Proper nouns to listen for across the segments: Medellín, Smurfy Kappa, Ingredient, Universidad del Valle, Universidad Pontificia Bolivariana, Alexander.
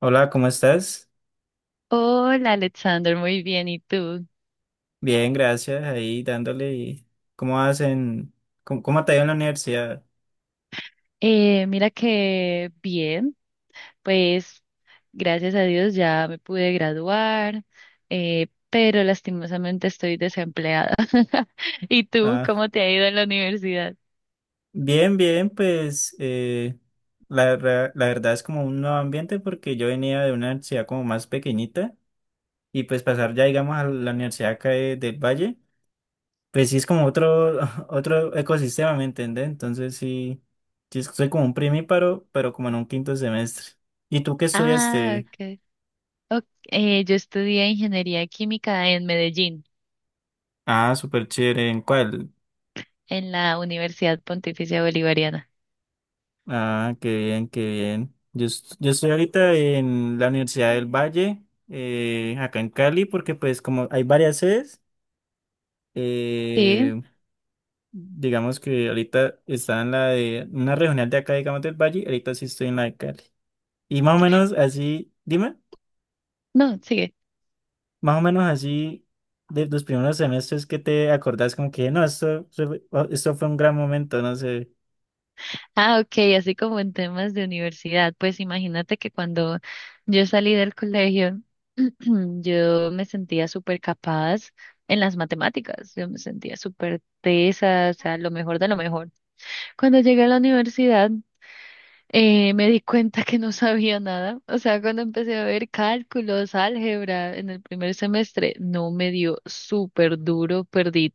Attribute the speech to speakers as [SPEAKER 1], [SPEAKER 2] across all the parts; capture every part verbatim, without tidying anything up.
[SPEAKER 1] Hola, ¿cómo estás?
[SPEAKER 2] Hola Alexander, muy bien. ¿Y tú?
[SPEAKER 1] Bien, gracias. Ahí dándole. y- ¿Cómo hacen? ¿Cómo, cómo te ha ido en la universidad?
[SPEAKER 2] Eh, mira que bien, pues gracias a Dios ya me pude graduar, eh, pero lastimosamente estoy desempleada. ¿Y tú?
[SPEAKER 1] Ah,
[SPEAKER 2] ¿Cómo te ha ido en la universidad?
[SPEAKER 1] bien, bien, pues eh, la, ra- la verdad es como un nuevo ambiente porque yo venía de una universidad como más pequeñita y pues pasar ya, digamos, a la universidad acá de- del Valle, pues sí es como otro, otro ecosistema, ¿me entiendes? Entonces sí, sí es- soy como un primíparo, pero como en un quinto semestre. ¿Y tú qué
[SPEAKER 2] Ah,
[SPEAKER 1] estudiaste?
[SPEAKER 2] ok. Ok, eh, yo estudié ingeniería química en Medellín,
[SPEAKER 1] Ah, súper chévere. ¿En cuál?
[SPEAKER 2] en la Universidad Pontificia Bolivariana.
[SPEAKER 1] Ah, qué bien, qué bien. Yo, est- yo estoy ahorita en la Universidad del Valle, eh, acá en Cali, porque pues como hay varias sedes,
[SPEAKER 2] Sí,
[SPEAKER 1] eh, digamos que ahorita está en la de una regional de acá, digamos del Valle, ahorita sí estoy en la de Cali. Y más o menos así, dime,
[SPEAKER 2] no, sigue.
[SPEAKER 1] más o menos así de los primeros semestres que te acordás como que no, esto, fue- oh, esto fue un gran momento, no sé.
[SPEAKER 2] Ah, ok, así como en temas de universidad. Pues imagínate que cuando yo salí del colegio, yo me sentía súper capaz en las matemáticas, yo me sentía súper tesa, o sea, lo mejor de lo mejor. Cuando llegué a la universidad, eh, me di cuenta que no sabía nada. O sea, cuando empecé a ver cálculos, álgebra en el primer semestre, no me dio súper duro, perdí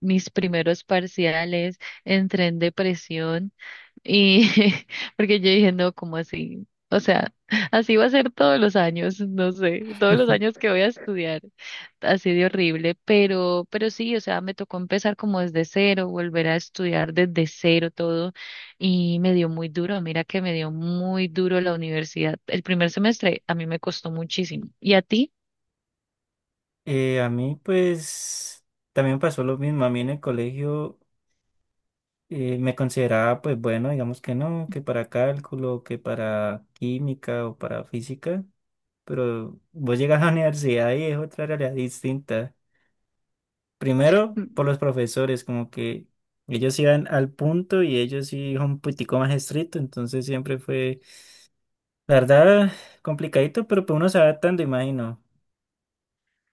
[SPEAKER 2] mis primeros parciales, entré en depresión. Y porque yo dije, no, ¿cómo así? O sea, así va a ser todos los años, no sé, todos los años que voy a estudiar, así de horrible, pero, pero sí, o sea, me tocó empezar como desde cero, volver a estudiar desde cero todo, y me dio muy duro, mira que me dio muy duro la universidad. El primer semestre a mí me costó muchísimo. ¿Y a ti?
[SPEAKER 1] Eh, a mí pues también pasó lo mismo, a mí en el colegio. eh, me consideraba, pues bueno, digamos que no, que para cálculo, que para química o para física, pero vos llegas a la universidad y es otra realidad distinta. Primero, por los profesores, como que ellos iban al punto y ellos sí son un poquitico más estricto, entonces siempre fue, la verdad, complicadito, pero pues uno se va adaptando, imagino.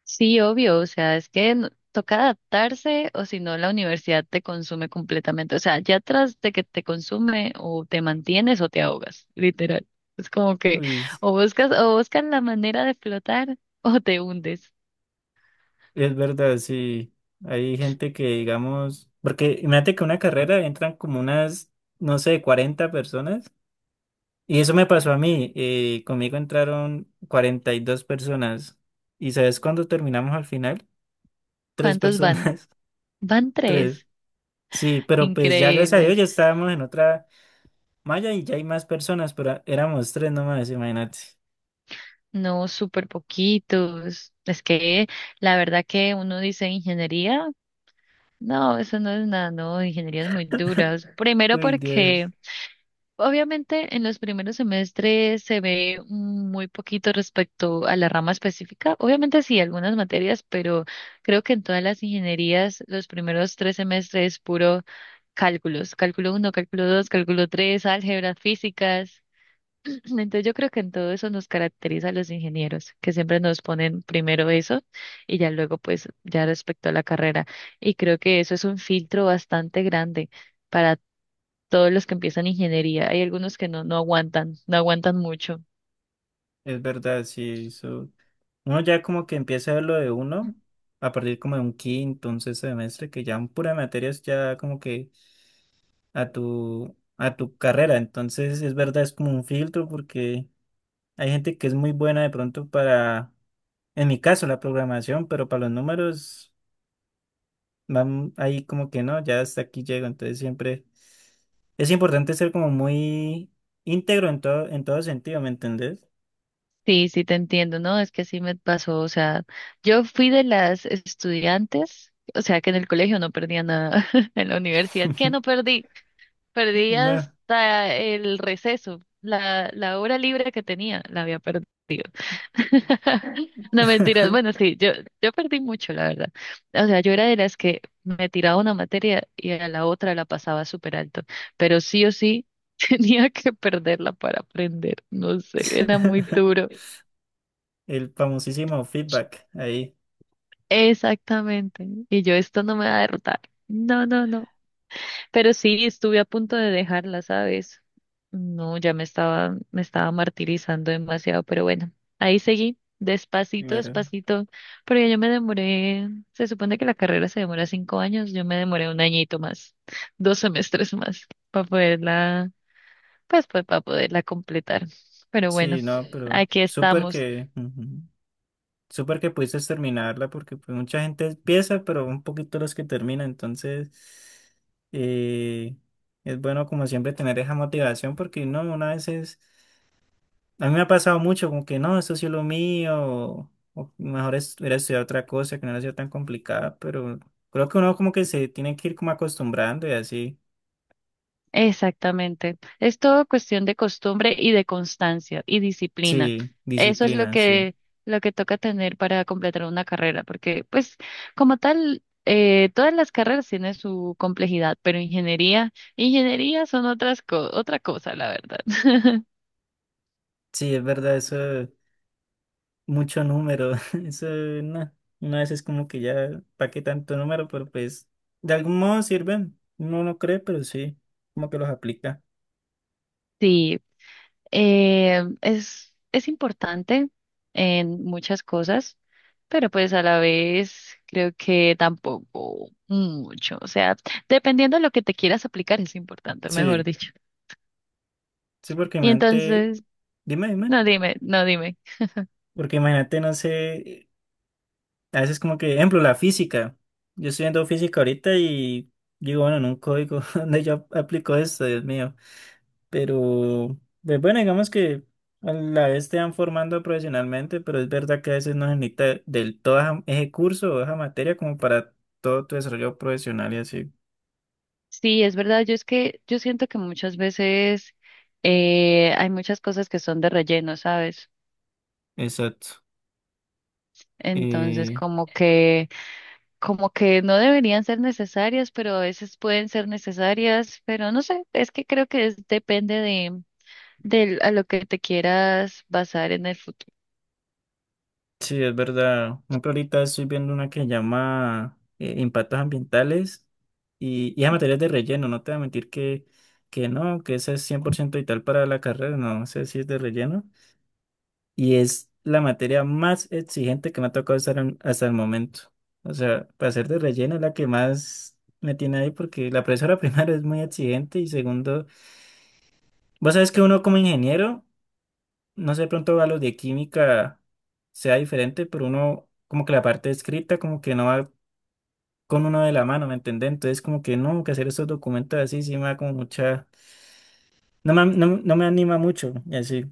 [SPEAKER 2] Sí, obvio, o sea, es que no- toca adaptarse o si no la universidad te consume completamente, o sea, ya tras de que te consume o te mantienes o te ahogas, literal. Es como que
[SPEAKER 1] Uy, es
[SPEAKER 2] o buscas o buscas la manera de flotar o te hundes.
[SPEAKER 1] es verdad, sí. Hay gente que, digamos, porque imagínate que una carrera entran como unas, no sé, cuarenta personas. Y eso me pasó a mí. eh, conmigo entraron cuarenta y dos personas. ¿Y sabes cuándo terminamos al final? Tres
[SPEAKER 2] ¿Cuántos van?
[SPEAKER 1] personas.
[SPEAKER 2] Van
[SPEAKER 1] Tres.
[SPEAKER 2] tres.
[SPEAKER 1] Sí, pero pues ya gracias a Dios
[SPEAKER 2] Increíble.
[SPEAKER 1] ya estábamos en otra malla y ya hay más personas, pero éramos tres nomás, imagínate.
[SPEAKER 2] No, súper poquitos. Es que la verdad que uno dice ingeniería, no, eso no es nada, no, ingeniería es muy dura. Primero
[SPEAKER 1] Uy,
[SPEAKER 2] porque
[SPEAKER 1] Dios.
[SPEAKER 2] obviamente, en los primeros semestres se ve mm, muy poquito respecto a la rama específica. Obviamente sí, algunas materias, pero creo que en todas las ingenierías los primeros tres semestres es puro cálculos, cálculo uno, cálculo dos, cálculo tres, álgebras, físicas. Entonces yo creo que en todo eso nos caracteriza a los ingenieros, que siempre nos ponen primero eso y ya luego pues ya respecto a la carrera. Y creo que eso es un filtro bastante grande para todos los que empiezan ingeniería. Hay algunos que no, no aguantan, no aguantan mucho.
[SPEAKER 1] Es verdad, sí. Eso. Uno ya como que empieza a ver lo de uno a partir como de un quinto, un sexto semestre, que ya en pura materias ya como que a tu, a tu carrera. Entonces, es verdad, es como un filtro porque... Hay gente que es muy buena de pronto para, en mi caso, la programación, pero para los números, van ahí como que no, ya hasta aquí llego. Entonces siempre es importante ser como muy íntegro en todo, en todo sentido, ¿me entendés?
[SPEAKER 2] Sí, sí te entiendo, ¿no? Es que sí me pasó, o sea, yo fui de las estudiantes, o sea, que en el colegio no perdía nada, en la universidad, ¿qué no perdí? Perdí
[SPEAKER 1] No.
[SPEAKER 2] hasta el receso, la, la hora libre que tenía, la había perdido. No mentiras, bueno, sí, yo, yo perdí mucho, la verdad. O sea, yo era de las que me tiraba una materia y a la otra la pasaba súper alto, pero sí o sí tenía que perderla para aprender, no sé, era muy duro.
[SPEAKER 1] El famosísimo feedback ahí.
[SPEAKER 2] Exactamente. Y yo, esto no me va a derrotar. No, no, no. Pero sí, estuve a punto de dejarla, ¿sabes? No, ya me estaba, me estaba martirizando demasiado, pero bueno, ahí seguí, despacito,
[SPEAKER 1] Claro.
[SPEAKER 2] despacito, porque yo me demoré, se supone que la carrera se demora cinco años, yo me demoré un añito más, dos semestres más, para poderla, pues, pues para poderla completar. Pero bueno,
[SPEAKER 1] Sí, no, pero
[SPEAKER 2] aquí
[SPEAKER 1] súper
[SPEAKER 2] estamos.
[SPEAKER 1] que. Ujú. Súper que pudiste terminarla porque pues, mucha gente empieza, pero un poquito los que terminan. Entonces, eh, es bueno como siempre tener esa motivación porque no, una vez es... A mí me ha pasado mucho como que no, esto sí es lo mío, o, o mejor es, hubiera estudiado otra cosa que no era sido tan complicada, pero creo que uno como que se tiene que ir como acostumbrando y así.
[SPEAKER 2] Exactamente. Es todo cuestión de costumbre y de constancia y disciplina.
[SPEAKER 1] Sí,
[SPEAKER 2] Eso es lo
[SPEAKER 1] disciplina, sí.
[SPEAKER 2] que, lo que toca tener para completar una carrera, porque pues como tal, eh, todas las carreras tienen su complejidad, pero ingeniería, ingeniería son otras co- otra cosa, la verdad.
[SPEAKER 1] Sí, es verdad, eso. Mucho número. Eso, no, una vez es como que ya, ¿para qué tanto número? Pero pues, de algún modo sirven. No lo cree, pero sí, como que los aplica.
[SPEAKER 2] Sí, Eh, es, es importante en muchas cosas, pero pues a la vez creo que tampoco mucho. O sea, dependiendo de lo que te quieras aplicar es importante, mejor
[SPEAKER 1] Sí,
[SPEAKER 2] dicho.
[SPEAKER 1] sí, porque
[SPEAKER 2] Y
[SPEAKER 1] imagínate,
[SPEAKER 2] entonces,
[SPEAKER 1] dime, dime,
[SPEAKER 2] no dime, no dime.
[SPEAKER 1] porque imagínate, no sé. A veces como que, ejemplo, la física. Yo estoy viendo física ahorita y digo, bueno, en un código donde yo aplico esto, Dios mío. Pero, pues bueno, digamos que a la vez te van formando profesionalmente, pero es verdad que a veces no se necesita del todo esa- ese curso o esa materia como para todo tu desarrollo profesional y así.
[SPEAKER 2] Sí, es verdad, yo es que yo siento que muchas veces eh, hay muchas cosas que son de relleno, ¿sabes?
[SPEAKER 1] Exacto.
[SPEAKER 2] Entonces,
[SPEAKER 1] Eh,
[SPEAKER 2] como que... como que no deberían ser necesarias, pero a veces pueden ser necesarias, pero no sé, es que creo que es- depende de, del- a lo que te quieras basar en el futuro.
[SPEAKER 1] Sí, es verdad. Por ejemplo, ahorita estoy viendo una que llama eh, Impactos Ambientales y, y a materias de relleno. No te voy a mentir que, que no, que esa es cien por ciento vital para la carrera. No sé si es de relleno. Y es la materia más exigente que me ha tocado estar en- hasta el momento. O sea, para ser de relleno es la que más me tiene ahí porque la profesora primero es muy exigente y segundo, vos sabes que uno como ingeniero no sé, de pronto a los de química sea diferente, pero uno, como que la parte escrita, como que no va con uno de la mano, ¿me entiendes? Entonces, como que no, que hacer estos documentos así, sí me da como mucha, no me, no, no me anima mucho, y así,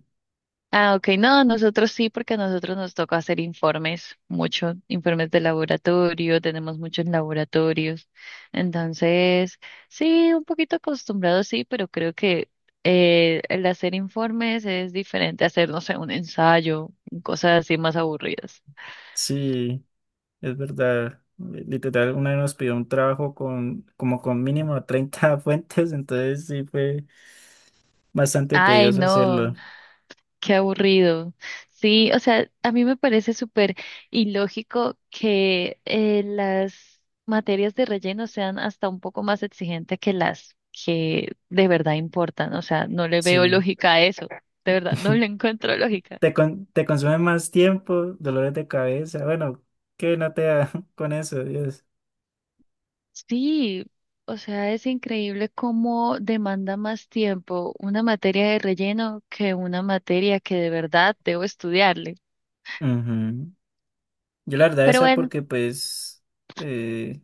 [SPEAKER 2] Ah, ok, no, nosotros sí, porque a nosotros nos toca hacer informes, muchos informes de laboratorio, tenemos muchos laboratorios, entonces sí, un poquito acostumbrado sí, pero creo que eh, el hacer informes es diferente a hacer, no sé, un ensayo, cosas así más aburridas.
[SPEAKER 1] sí, es verdad. Literal, una vez nos pidió un trabajo con, como con mínimo treinta fuentes, entonces sí fue bastante
[SPEAKER 2] Ay,
[SPEAKER 1] tedioso
[SPEAKER 2] no.
[SPEAKER 1] hacerlo,
[SPEAKER 2] Qué aburrido. Sí, o sea, a mí me parece súper ilógico que eh, las materias de relleno sean hasta un poco más exigentes que las que de verdad importan. O sea, no le veo
[SPEAKER 1] sí.
[SPEAKER 2] lógica a eso. De verdad, no le encuentro lógica.
[SPEAKER 1] Te, con- te consume más tiempo, dolores de cabeza, bueno, que no te da con eso, Dios.
[SPEAKER 2] Sí, o sea, es increíble cómo demanda más tiempo una materia de relleno que una materia que de verdad debo estudiarle.
[SPEAKER 1] Ujú. Yo la verdad
[SPEAKER 2] Pero
[SPEAKER 1] esa
[SPEAKER 2] bueno.
[SPEAKER 1] porque pues, eh,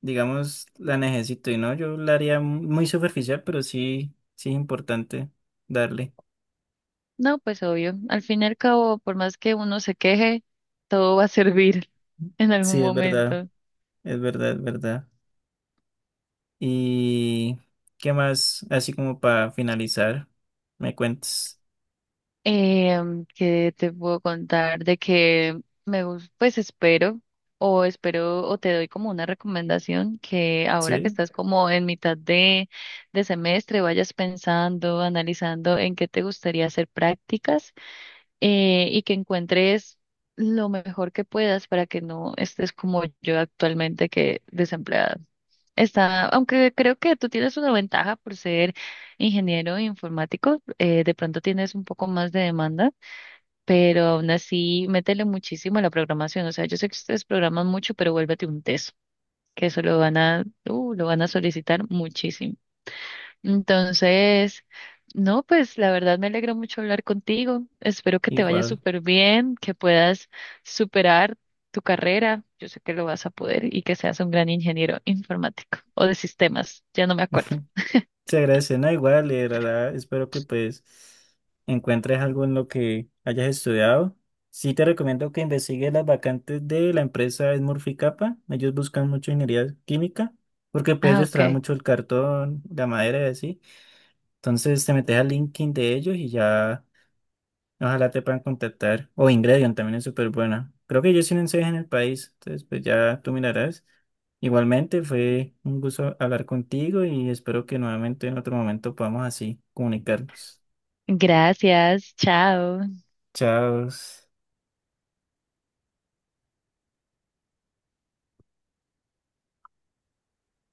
[SPEAKER 1] digamos, la necesito y no, yo la haría muy superficial, pero sí, sí es importante darle.
[SPEAKER 2] No, pues obvio. Al fin y al cabo, por más que uno se queje, todo va a servir en algún
[SPEAKER 1] Sí, es verdad,
[SPEAKER 2] momento.
[SPEAKER 1] es verdad, es verdad. ¿Y qué más? Así como para finalizar, me cuentes.
[SPEAKER 2] Em, ¿qué te puedo contar? De que me gusta, pues espero, o espero, o te doy como una recomendación que ahora que
[SPEAKER 1] Sí,
[SPEAKER 2] estás como en mitad de, de semestre, vayas pensando, analizando en qué te gustaría hacer prácticas eh, y que encuentres lo mejor que puedas para que no estés como yo actualmente que desempleada. Está, aunque creo que tú tienes una ventaja por ser ingeniero informático, eh, de pronto tienes un poco más de demanda, pero aún así métele muchísimo a la programación. O sea, yo sé que ustedes programan mucho, pero vuélvete un teso, que eso lo van a, uh, lo van a solicitar muchísimo. Entonces, no, pues la verdad me alegra mucho hablar contigo. Espero que te vaya
[SPEAKER 1] igual.
[SPEAKER 2] súper bien, que puedas superar tu carrera. Yo sé que lo vas a poder y que seas un gran ingeniero informático o de sistemas, ya no me acuerdo.
[SPEAKER 1] Se agradece, no igual, y de verdad, espero que pues encuentres algo en lo que hayas estudiado. Sí te recomiendo que investigues las vacantes de la empresa Smurfy Kappa. Ellos buscan mucho ingeniería química, porque pues
[SPEAKER 2] Ah,
[SPEAKER 1] ellos traen
[SPEAKER 2] ok.
[SPEAKER 1] mucho el cartón, la madera y así. Entonces te metes al LinkedIn de ellos y ya ojalá te puedan contactar. O Ingredient también es súper buena. Creo que yo sí en en el país. Entonces, pues ya tú mirarás. Igualmente, fue un gusto hablar contigo y espero que nuevamente en otro momento podamos así comunicarnos.
[SPEAKER 2] Gracias, chao.
[SPEAKER 1] Chao.